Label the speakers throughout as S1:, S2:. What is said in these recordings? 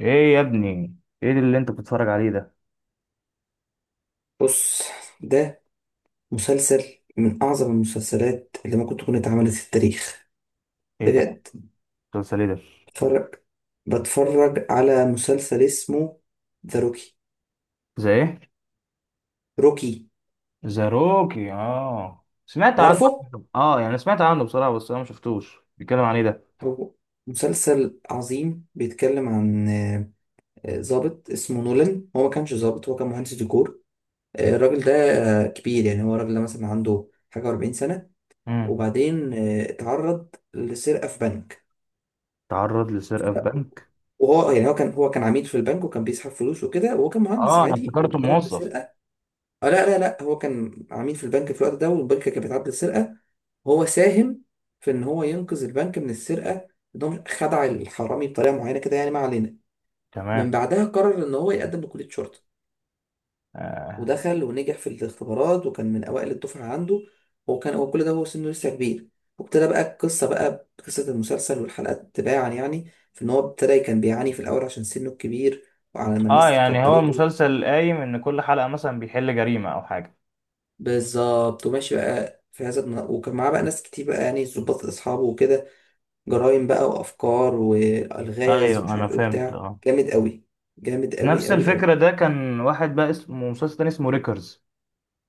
S1: ايه يا ابني؟ ايه اللي انت بتتفرج عليه ده؟
S2: بص. ده مسلسل من أعظم المسلسلات اللي ممكن تكون اتعملت في التاريخ
S1: ايه ده؟
S2: بجد.
S1: مسلسل ايه ده؟
S2: بتفرج بتفرج على مسلسل اسمه ذا روكي.
S1: زي ايه؟
S2: روكي.
S1: زي روكي، اه سمعت عنه على
S2: عارفه؟
S1: فكرة. اه يعني سمعت عنه بصراحه، بس انا ما شفتوش. بيتكلم عن ايه ده؟
S2: هو مسلسل عظيم بيتكلم عن ضابط اسمه نولان. هو ما كانش ضابط، هو كان مهندس ديكور. الراجل ده كبير، يعني هو الراجل ده مثلا عنده حاجة و40 سنة.
S1: امم،
S2: وبعدين اتعرض لسرقة في بنك.
S1: تعرض لسرقه في بنك؟
S2: وهو يعني هو كان عميل في البنك وكان بيسحب فلوس وكده، وهو كان مهندس
S1: اه انا
S2: عادي
S1: افتكرته
S2: وتعرض
S1: موظف.
S2: لسرقه. آه لا لا لا، هو كان عميل في البنك في الوقت ده والبنك كان بيتعرض للسرقه. هو ساهم في ان هو ينقذ البنك من السرقه، ان هو خدع الحرامي بطريقه معينه كده، يعني ما علينا. من
S1: تمام.
S2: بعدها قرر ان هو يقدم لكليه شرطه.
S1: آه.
S2: ودخل ونجح في الاختبارات وكان من أوائل الدفعة عنده. وكان هو كل ده وهو سنه لسه كبير. وابتدى بقى القصة بقى قصة المسلسل والحلقات تباعا، يعني في إن هو ابتدى كان بيعاني في الأول عشان سنه الكبير وعلى ما
S1: اه
S2: الناس
S1: يعني هو
S2: تقبلته.
S1: المسلسل قايم ان كل حلقه مثلا بيحل جريمه او حاجه؟
S2: بالظبط. وماشي بقى في وكان معاه بقى ناس كتير بقى، يعني ضباط أصحابه وكده. جرايم بقى وأفكار وألغاز
S1: ايوه
S2: ومش
S1: انا
S2: عارف إيه
S1: فهمت
S2: وبتاع،
S1: اه.
S2: جامد أوي. جامد أوي
S1: نفس
S2: أوي
S1: الفكره،
S2: أوي.
S1: ده كان واحد بقى اسمه مسلسل تاني اسمه ريكرز.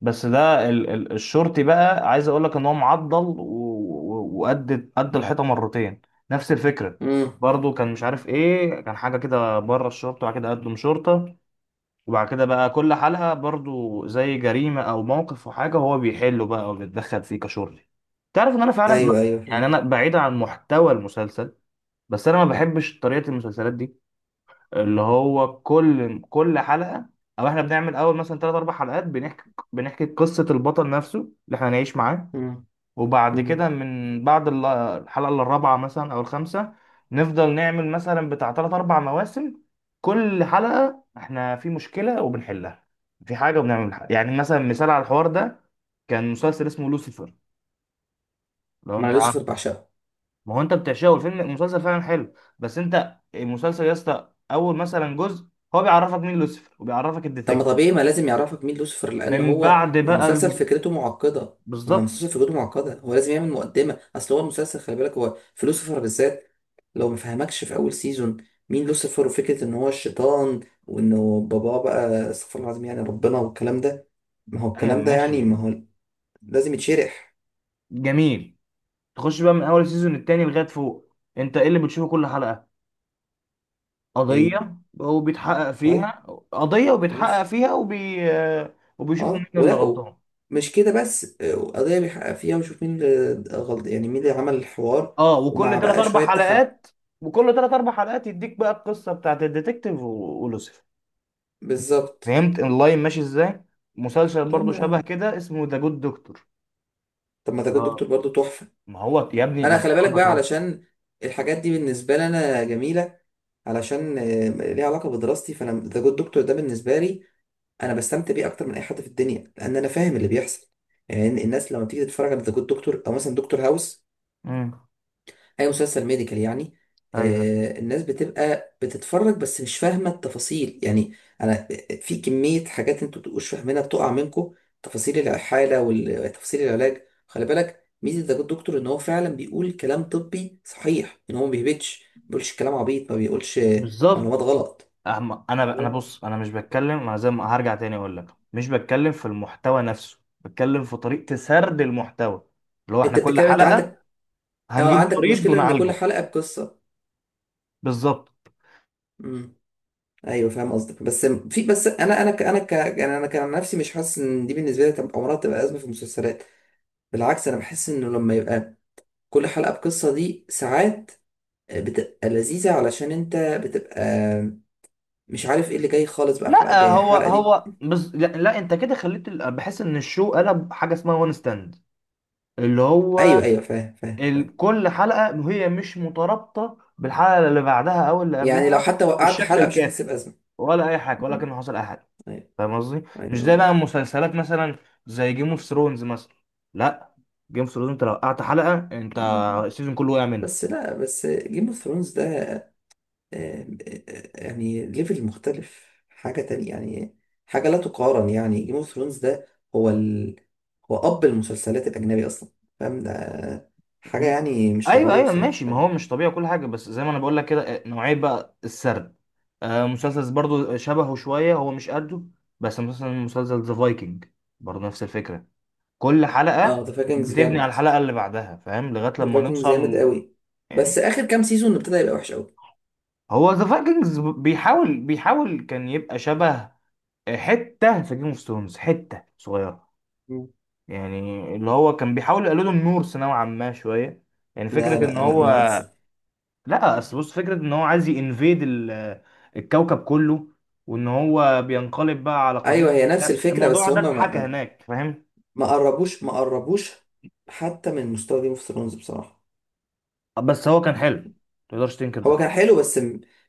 S1: بس ده ال الشرطي، بقى عايز اقول لك ان هو معضل وقد قد الحيطه مرتين. نفس الفكره.
S2: امم
S1: برضه كان مش عارف ايه، كان حاجه كده بره الشرطه وبعد كده قدم شرطه. وبعد كده بقى كل حلقه برضه زي جريمه او موقف وحاجه هو بيحله بقى وبيتدخل فيه كشرطي. تعرف ان انا فعلا،
S2: أيوه أيوه
S1: يعني
S2: فاهم.
S1: انا بعيدا عن محتوى المسلسل، بس انا ما بحبش طريقه المسلسلات دي، اللي هو كل حلقة، او احنا بنعمل اول مثلا ثلاث اربع حلقات بنحكي قصة البطل نفسه اللي احنا هنعيش معاه.
S2: امم
S1: وبعد
S2: امم
S1: كده من بعد الحلقة الرابعة مثلا او الخامسة، نفضل نعمل مثلا بتاع ثلاث اربع مواسم، كل حلقة احنا في مشكلة وبنحلها، في حاجة وبنعمل حاجة. يعني مثلا مثال على الحوار ده، كان مسلسل اسمه لوسيفر. لو
S2: مع
S1: انت،
S2: يوسف بعشقه.
S1: ما هو انت بتعشقه، والفيلم المسلسل فعلا حلو، بس انت المسلسل يا اسطى، اول مثلا جزء هو بيعرفك مين لوسيفر وبيعرفك
S2: طب ما
S1: الديتكتيف.
S2: طبيعي ما لازم يعرفك مين لوسيفر لان
S1: من
S2: هو
S1: بعد بقى
S2: المسلسل فكرته معقده. ما هو
S1: بالظبط.
S2: المسلسل فكرته معقده، هو لازم يعمل مقدمه. اصل هو المسلسل خلي بالك، هو في لوسيفر بالذات لو ما فهمكش في اول سيزون مين لوسيفر وفكره ان هو الشيطان، وانه باباه بقى استغفر الله العظيم يعني ربنا والكلام ده. ما هو
S1: ايوه
S2: الكلام ده يعني
S1: ماشي.
S2: ما هو لازم يتشرح.
S1: جميل. تخش بقى من اول سيزون التاني لغايه فوق، انت ايه اللي بتشوفه كل حلقه؟
S2: ايه،
S1: قضيه وبيتحقق
S2: طيب،
S1: فيها. قضيه وبيتحقق
S2: ماشي.
S1: فيها، وبيشوفوا مين
S2: اه
S1: اللي
S2: ولقوا.
S1: غلطان.
S2: مش كده بس، قضيه بيحقق فيها ويشوف مين اللي غلط يعني مين اللي عمل الحوار.
S1: اه،
S2: ومع
S1: وكل تلات
S2: بقى
S1: اربع
S2: شويه تحب.
S1: حلقات، وكل تلات اربع حلقات يديك بقى القصه بتاعت الديتكتيف ولوسيفر.
S2: بالظبط.
S1: فهمت اللاين ماشي ازاي؟ مسلسل برضو شبه
S2: تمام.
S1: كده اسمه ذا جود دكتور.
S2: طب ما تاخد
S1: لا،
S2: دكتور برضو تحفة.
S1: ما هو يا ابني ما
S2: انا
S1: انا
S2: خلي بالك
S1: بقول
S2: بقى
S1: لك اهو.
S2: علشان الحاجات دي بالنسبة لي انا جميلة، علشان ليها علاقة بدراستي. فانا تاخد دكتور ده بالنسبة لي انا بستمتع بيه اكتر من اي حد في الدنيا لان انا فاهم اللي بيحصل. يعني الناس لما بتيجي تتفرج على ذا جود دكتور او مثلا دكتور هاوس،
S1: امم.
S2: اي مسلسل ميديكال يعني،
S1: ايوه
S2: الناس بتبقى بتتفرج بس مش فاهمه التفاصيل، يعني انا في كميه حاجات انتوا بتبقوش فاهمينها بتقع منكم. تفاصيل الحاله وتفاصيل العلاج. خلي بالك ميزه ده الدكتور ان هو فعلا بيقول كلام طبي صحيح، ان هو ما بيهبطش. ما بيقولش كلام عبيط، ما بيقولش معلومات
S1: بالظبط.
S2: غلط.
S1: أهم- انا انا
S2: اه،
S1: بص انا مش بتكلم، انا زي ما هرجع تاني اقول لك، مش بتكلم في المحتوى نفسه، بتكلم في طريقة سرد المحتوى، اللي هو احنا
S2: انت
S1: كل
S2: بتتكلم، انت
S1: حلقة
S2: عندك. اه
S1: هنجيب
S2: عندك
S1: مريض
S2: مشكله ان كل
S1: ونعالجه.
S2: حلقه بقصه.
S1: بالظبط.
S2: ايوه فاهم قصدك، بس في بس انا ك يعني انا كان نفسي مش حاسس ان دي بالنسبه لي تبقى عمرها تبقى ازمه في المسلسلات. بالعكس، انا بحس انه لما يبقى كل حلقه بقصه دي ساعات بتبقى لذيذه علشان انت بتبقى مش عارف ايه اللي جاي خالص بقى الحلقه
S1: لا
S2: الجايه يعني
S1: هو
S2: الحلقه دي.
S1: هو بز... لا, لا انت كده خليت بحس ان الشو قلب حاجة اسمها وان ستاند، اللي هو
S2: ايوه ايوه فاهم فاهم فاهم.
S1: كل حلقة هي مش مترابطة بالحلقة اللي بعدها أو اللي
S2: يعني لو
S1: قبلها
S2: حتى وقعت
S1: بالشكل
S2: حلقه مش هتحس
S1: الكافي،
S2: بازمه.
S1: ولا أي حاجة، ولا
S2: أمم،
S1: كان حصل أي حاجة.
S2: ايوه
S1: فاهم قصدي؟ مش زي
S2: ايوه.
S1: بقى مسلسلات مثلا زي جيم اوف ثرونز مثلا. لا، جيم اوف ثرونز أنت لو قطعت حلقة، أنت السيزون كله وقع منك.
S2: بس لا بس جيم اوف ثرونز ده يعني ليفل مختلف، حاجة تانية يعني. حاجة لا تقارن، يعني جيم اوف ثرونز ده هو هو أب المسلسلات الأجنبي أصلا، فاهم ده. حاجة
S1: م-
S2: يعني مش
S1: أيوه
S2: طبيعية
S1: أيوه
S2: بصراحة
S1: ماشي، ما
S2: كمان.
S1: هو مش طبيعي كل حاجة، بس زي ما أنا بقول لك كده، نوعية بقى السرد. آه مسلسل برضه شبهه شوية، هو مش قده، بس مثلا مسلسل ذا فايكنج، برضه نفس الفكرة، كل حلقة
S2: اه، ذا فايكنجز
S1: بتبني على
S2: جامد.
S1: الحلقة اللي بعدها. فاهم؟ لغاية
S2: ذا
S1: لما
S2: فايكنجز
S1: نوصل
S2: جامد قوي. بس
S1: يعني،
S2: آخر كام سيزون ابتدى يبقى وحش قوي.
S1: هو ذا فايكنجز بيحاول كان يبقى شبه حتة في جيم اوف ثرونز، حتة صغيرة
S2: مم.
S1: يعني، اللي هو كان بيحاول يقلده النورس نوعا ما شوية، يعني
S2: لا
S1: فكرة ان
S2: لا لا
S1: هو،
S2: ما عادش-
S1: لا اصل بص، فكرة ان هو عايز ينفيد الكوكب كله، وان هو بينقلب بقى على
S2: أيوه،
S1: قبيلته
S2: هي نفس
S1: وبتاع.
S2: الفكرة بس
S1: الموضوع ده
S2: هما
S1: اتحكى هناك، فاهم؟
S2: ما قربوش ما قربوش حتى من مستوى جيم اوف ثرونز بصراحة.
S1: بس هو كان حلو، متقدرش تنكر
S2: هو
S1: ده.
S2: كان حلو بس،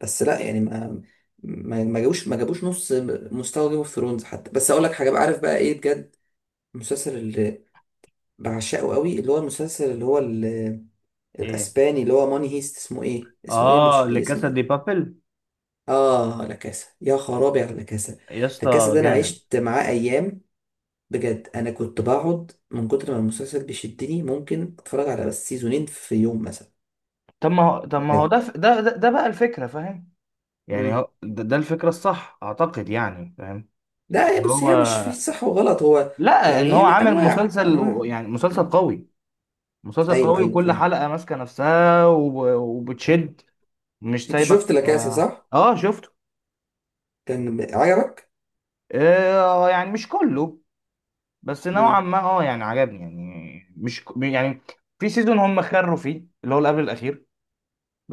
S2: بس لا يعني ما جابوش ما جابوش نص مستوى جيم اوف ثرونز حتى. بس اقول لك حاجه بقى، عارف بقى ايه بجد؟ المسلسل اللي بعشقه قوي، اللي هو المسلسل اللي هو
S1: ايه؟
S2: الاسباني، اللي هو ماني هيست. اسمه ايه؟ اسمه ايه؟
S1: اه
S2: مش ليه اسم
S1: لكاسا دي
S2: تاني؟
S1: بابل.
S2: اه لا كاسا. يا خرابي على لا كاسا.
S1: يا
S2: لا كاسا
S1: اسطى
S2: ده انا
S1: جامد.
S2: عشت معاه ايام بجد. انا كنت بقعد من كتر ما المسلسل بيشدني ممكن اتفرج على بس سيزونين في يوم مثلا.
S1: طب ما هو، طب ما هو ده ده بقى الفكرة، فاهم؟ يعني
S2: بجد.
S1: هو ده الفكرة الصح اعتقد، يعني فاهم،
S2: لا، هي
S1: ان
S2: بص
S1: هو،
S2: هي مش في صح وغلط. هو
S1: لا
S2: يعني
S1: ان هو
S2: يعني
S1: عامل
S2: انواع
S1: مسلسل
S2: انواع.
S1: يعني مسلسل
S2: مم.
S1: قوي. مسلسل
S2: ايوه
S1: قوي
S2: ايوه
S1: وكل
S2: فاهم.
S1: حلقة ماسكة نفسها وبتشد، مش
S2: انت
S1: سايبك.
S2: شفت لاكاسا
S1: اه
S2: صح،
S1: شفته.
S2: كان عجبك.
S1: آه يعني مش كله، بس نوعا
S2: امم.
S1: ما اه، يعني عجبني يعني مش ك- يعني في سيزون هم خروا فيه، اللي هو اللي قبل الاخير،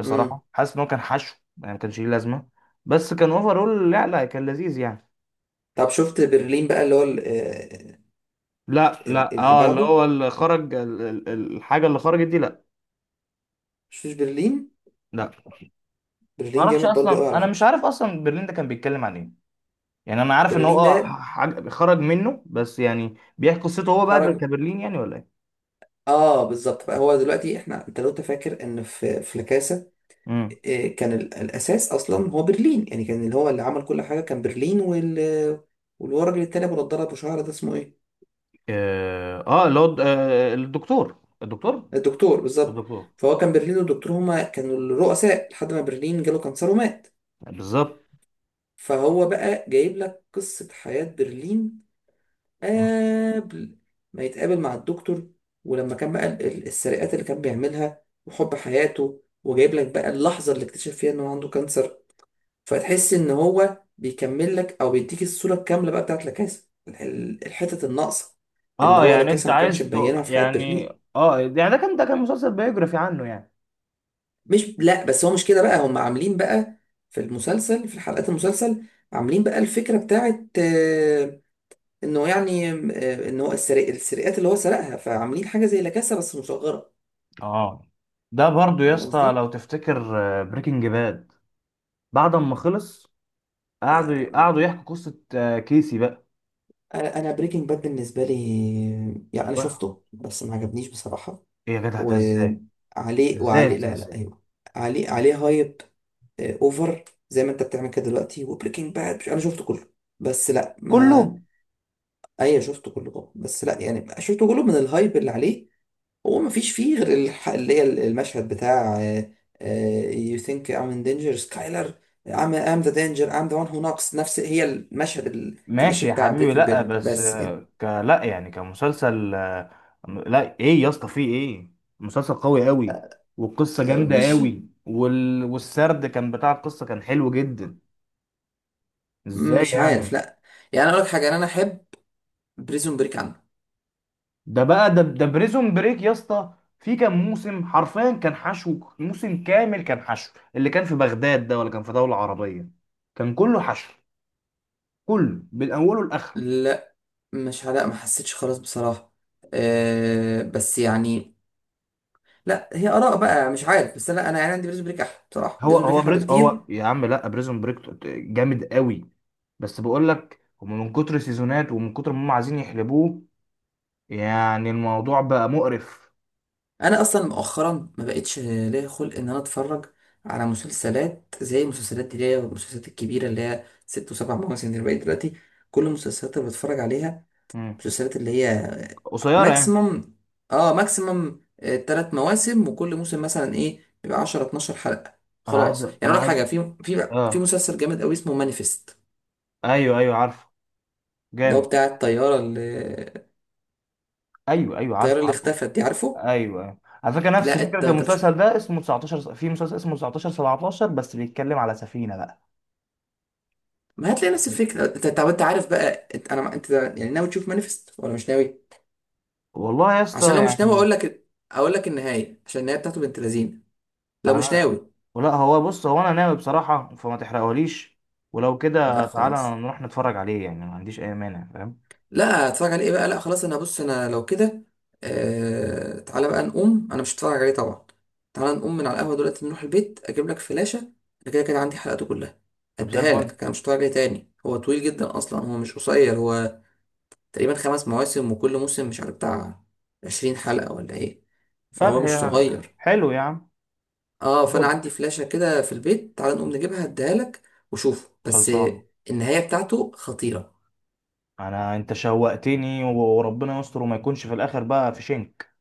S2: امم.
S1: حاسس ان هو كان حشو، يعني ما كانش ليه لازمه، بس كان اوفرول، لا لا كان لذيذ يعني.
S2: طب شفت برلين بقى، اللي هو
S1: لا لا
S2: اللي
S1: اه، اللي
S2: بعده.
S1: هو اللي خرج الحاجه اللي خرجت دي، لا.
S2: شفتش برلين؟
S1: لا ما
S2: برلين
S1: اعرفش
S2: جامد برضو قوي
S1: اصلا،
S2: على
S1: انا مش
S2: فكره.
S1: عارف اصلا برلين ده كان بيتكلم عن ايه، يعني انا عارف ان هو
S2: برلين
S1: اه
S2: ده
S1: حاجه خرج منه، بس يعني بيحكي قصته هو بقى
S2: خرج.
S1: كبرلين يعني، ولا ايه؟
S2: اه بالظبط بقى. هو دلوقتي احنا، انت لو انت فاكر ان في لاكاسا،
S1: امم.
S2: كان الاساس اصلا هو برلين. يعني كان اللي هو اللي عمل كل حاجه كان برلين وال، والورجل التاني ابو نضاره ابو شعر ده اسمه ايه؟
S1: اه اللي هو، الدكتور، الدكتور،
S2: الدكتور بالظبط.
S1: الدكتور
S2: فهو كان برلين والدكتور هما كانوا الرؤساء، لحد ما برلين جاله كانسر ومات.
S1: بالظبط.
S2: فهو بقى جايب لك قصة حياة برلين قبل ما يتقابل مع الدكتور، ولما كان بقى السرقات اللي كان بيعملها وحب حياته، وجايب لك بقى اللحظة اللي اكتشف فيها انه عنده كانسر. فتحس ان هو بيكمل لك او بيديك الصورة الكاملة بقى بتاعت لاكاسا، الحتت الناقصة اللي
S1: اه
S2: هو
S1: يعني انت
S2: لاكاسا ما كانش
S1: عايز
S2: مبينها في حياة
S1: يعني،
S2: برلين.
S1: اه يعني ده كان، ده كان مسلسل بيوجرافي عنه يعني.
S2: مش لا بس هو مش كده بقى. هم عاملين بقى في المسلسل في حلقات المسلسل، عاملين بقى الفكرة بتاعت انه يعني ان هو السرقات اللي هو سرقها، فعاملين حاجة زي لاكاسا بس مصغرة.
S1: اه ده برضو يا
S2: فاهم
S1: اسطى
S2: قصدي؟
S1: لو تفتكر، بريكنج باد بعد ما خلص، قعدوا
S2: آه،
S1: قعدوا يحكوا قصة كيسي بقى.
S2: انا بريكنج باد بالنسبه لي يعني انا
S1: و-
S2: شفته بس ما عجبنيش بصراحه.
S1: ايه يا جدع ده ازاي؟
S2: وعليه
S1: ازاي
S2: وعليه
S1: ازاي
S2: لا لا
S1: ازاي
S2: ايوه. عليه عليه هايب، اوفر. زي ما انت بتعمل كده دلوقتي. وبريكنج باد انا شفته كله بس لا ما.
S1: كله؟
S2: ايوه، شفته كله طبعا، بس لا يعني شفته كله من الهايب اللي عليه. هو ما فيش فيه غير اللي هي المشهد بتاع you think I'm in danger, Skyler. I'm the danger. I'm the one who knocks. نفس هي المشهد الكليشيه
S1: ماشي يا
S2: بتاع
S1: حبيبي.
S2: بريكنج
S1: لا
S2: باد
S1: بس
S2: بس كده.
S1: آه، ك لا يعني كمسلسل، لا ايه يا اسطى، فيه ايه؟ مسلسل قوي قوي، والقصة جامدة
S2: مش
S1: قوي، والسرد كان، بتاع القصة كان حلو جدا. ازاي
S2: مش عارف
S1: يعني؟
S2: لا. يعني اقول لك حاجه، انا احب بريزون بريك عنه.
S1: ده بقى ده بريزون بريك يا اسطى، في كام موسم حرفيا كان حشو. موسم كامل كان حشو، اللي كان في بغداد ده ولا كان في دولة عربية، كان كله حشو، كله من اوله لاخره.
S2: لا مش. لا ما حسيتش خلاص بصراحه. أه بس يعني لا، هي اراء بقى مش عارف. بس لا انا يعني عندي بريزون بريك احلى بصراحه.
S1: هو
S2: بريزون بريك
S1: هو
S2: احلى
S1: بريز
S2: بكتير.
S1: هو يا عم، لا بريزون بريك جامد قوي، بس بقول لك هم من كتر سيزونات ومن كتر ما هم عايزين يحلبوه، يعني الموضوع بقى مقرف.
S2: انا اصلا مؤخرا ما بقتش ليا خلق ان انا اتفرج على مسلسلات زي المسلسلات دي اللي هي المسلسلات الكبيره اللي هي 6 و7 مواسم اللي بقت دلوقتي. كل المسلسلات اللي بتفرج عليها
S1: مم.
S2: مسلسلات اللي هي
S1: قصيرة يعني؟
S2: ماكسيمم. اه ماكسيمم 3 مواسم وكل موسم مثلا ايه بيبقى 10 12 حلقه.
S1: انا عايز
S2: خلاص يعني
S1: انا
S2: اقول لك
S1: عايز
S2: حاجه، في
S1: اه.
S2: مسلسل جامد قوي اسمه مانيفست.
S1: ايوه ايوه عارفه.
S2: ده هو
S1: جامد.
S2: بتاع الطياره اللي،
S1: ايوه ايوه
S2: الطياره
S1: عارفه
S2: اللي
S1: عارفه.
S2: اختفت دي عارفه.
S1: ايوه. على فكره نفس
S2: لا انت
S1: فكره
S2: انت مش،
S1: المسلسل ده اسمه 19 س- في مسلسل اسمه 19 17، بس بيتكلم على سفينه بقى.
S2: ما هتلاقي نفس
S1: يعني
S2: الفكره انت. طب انت عارف بقى؟ انت انا ما- انت يعني ناوي تشوف مانيفست ولا مش ناوي؟
S1: والله يا اسطى،
S2: عشان لو مش ناوي
S1: يعني
S2: اقول لك النهايه، عشان النهايه بتاعته بنت لذينه. لو مش
S1: انا،
S2: ناوي.
S1: لا هو بص، هو انا ناوي بصراحه، فما تحرقهوليش، ولو كده
S2: لا
S1: تعالى
S2: خلاص.
S1: نروح نتفرج عليه، يعني ما عنديش اي مانع، فاهم؟
S2: لا هتفرج عليه بقى. لا خلاص انا بص، انا لو كده تعالى بقى نقوم، انا مش هتفرج عليه طبعا. تعالى نقوم من على القهوه دلوقتي، نروح البيت اجيب لك فلاشه، انا كده كده عندي حلقاته كلها.
S1: طب زي
S2: اديها
S1: الفل.
S2: لك، انا مش هتفرج عليه تاني. هو طويل جدا اصلا، هو مش قصير. هو تقريبا 5 مواسم وكل موسم مش عارف بتاع 20 حلقة ولا ايه.
S1: طب
S2: فهو مش
S1: هي،
S2: صغير.
S1: حلو يا عم.
S2: اه فانا
S1: دوب.
S2: عندي فلاشة كده في البيت، تعال نقوم نجيبها اديها لك، وشوفه بس.
S1: خلصان.
S2: النهاية بتاعته خطيرة.
S1: انا انت شوقتني وربنا يستر، وما يكونش في الاخر بقى في شنك.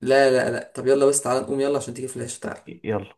S2: لا لا لا. طب يلا بس، تعال نقوم يلا عشان تيجي فلاشة. تعال.
S1: يلا.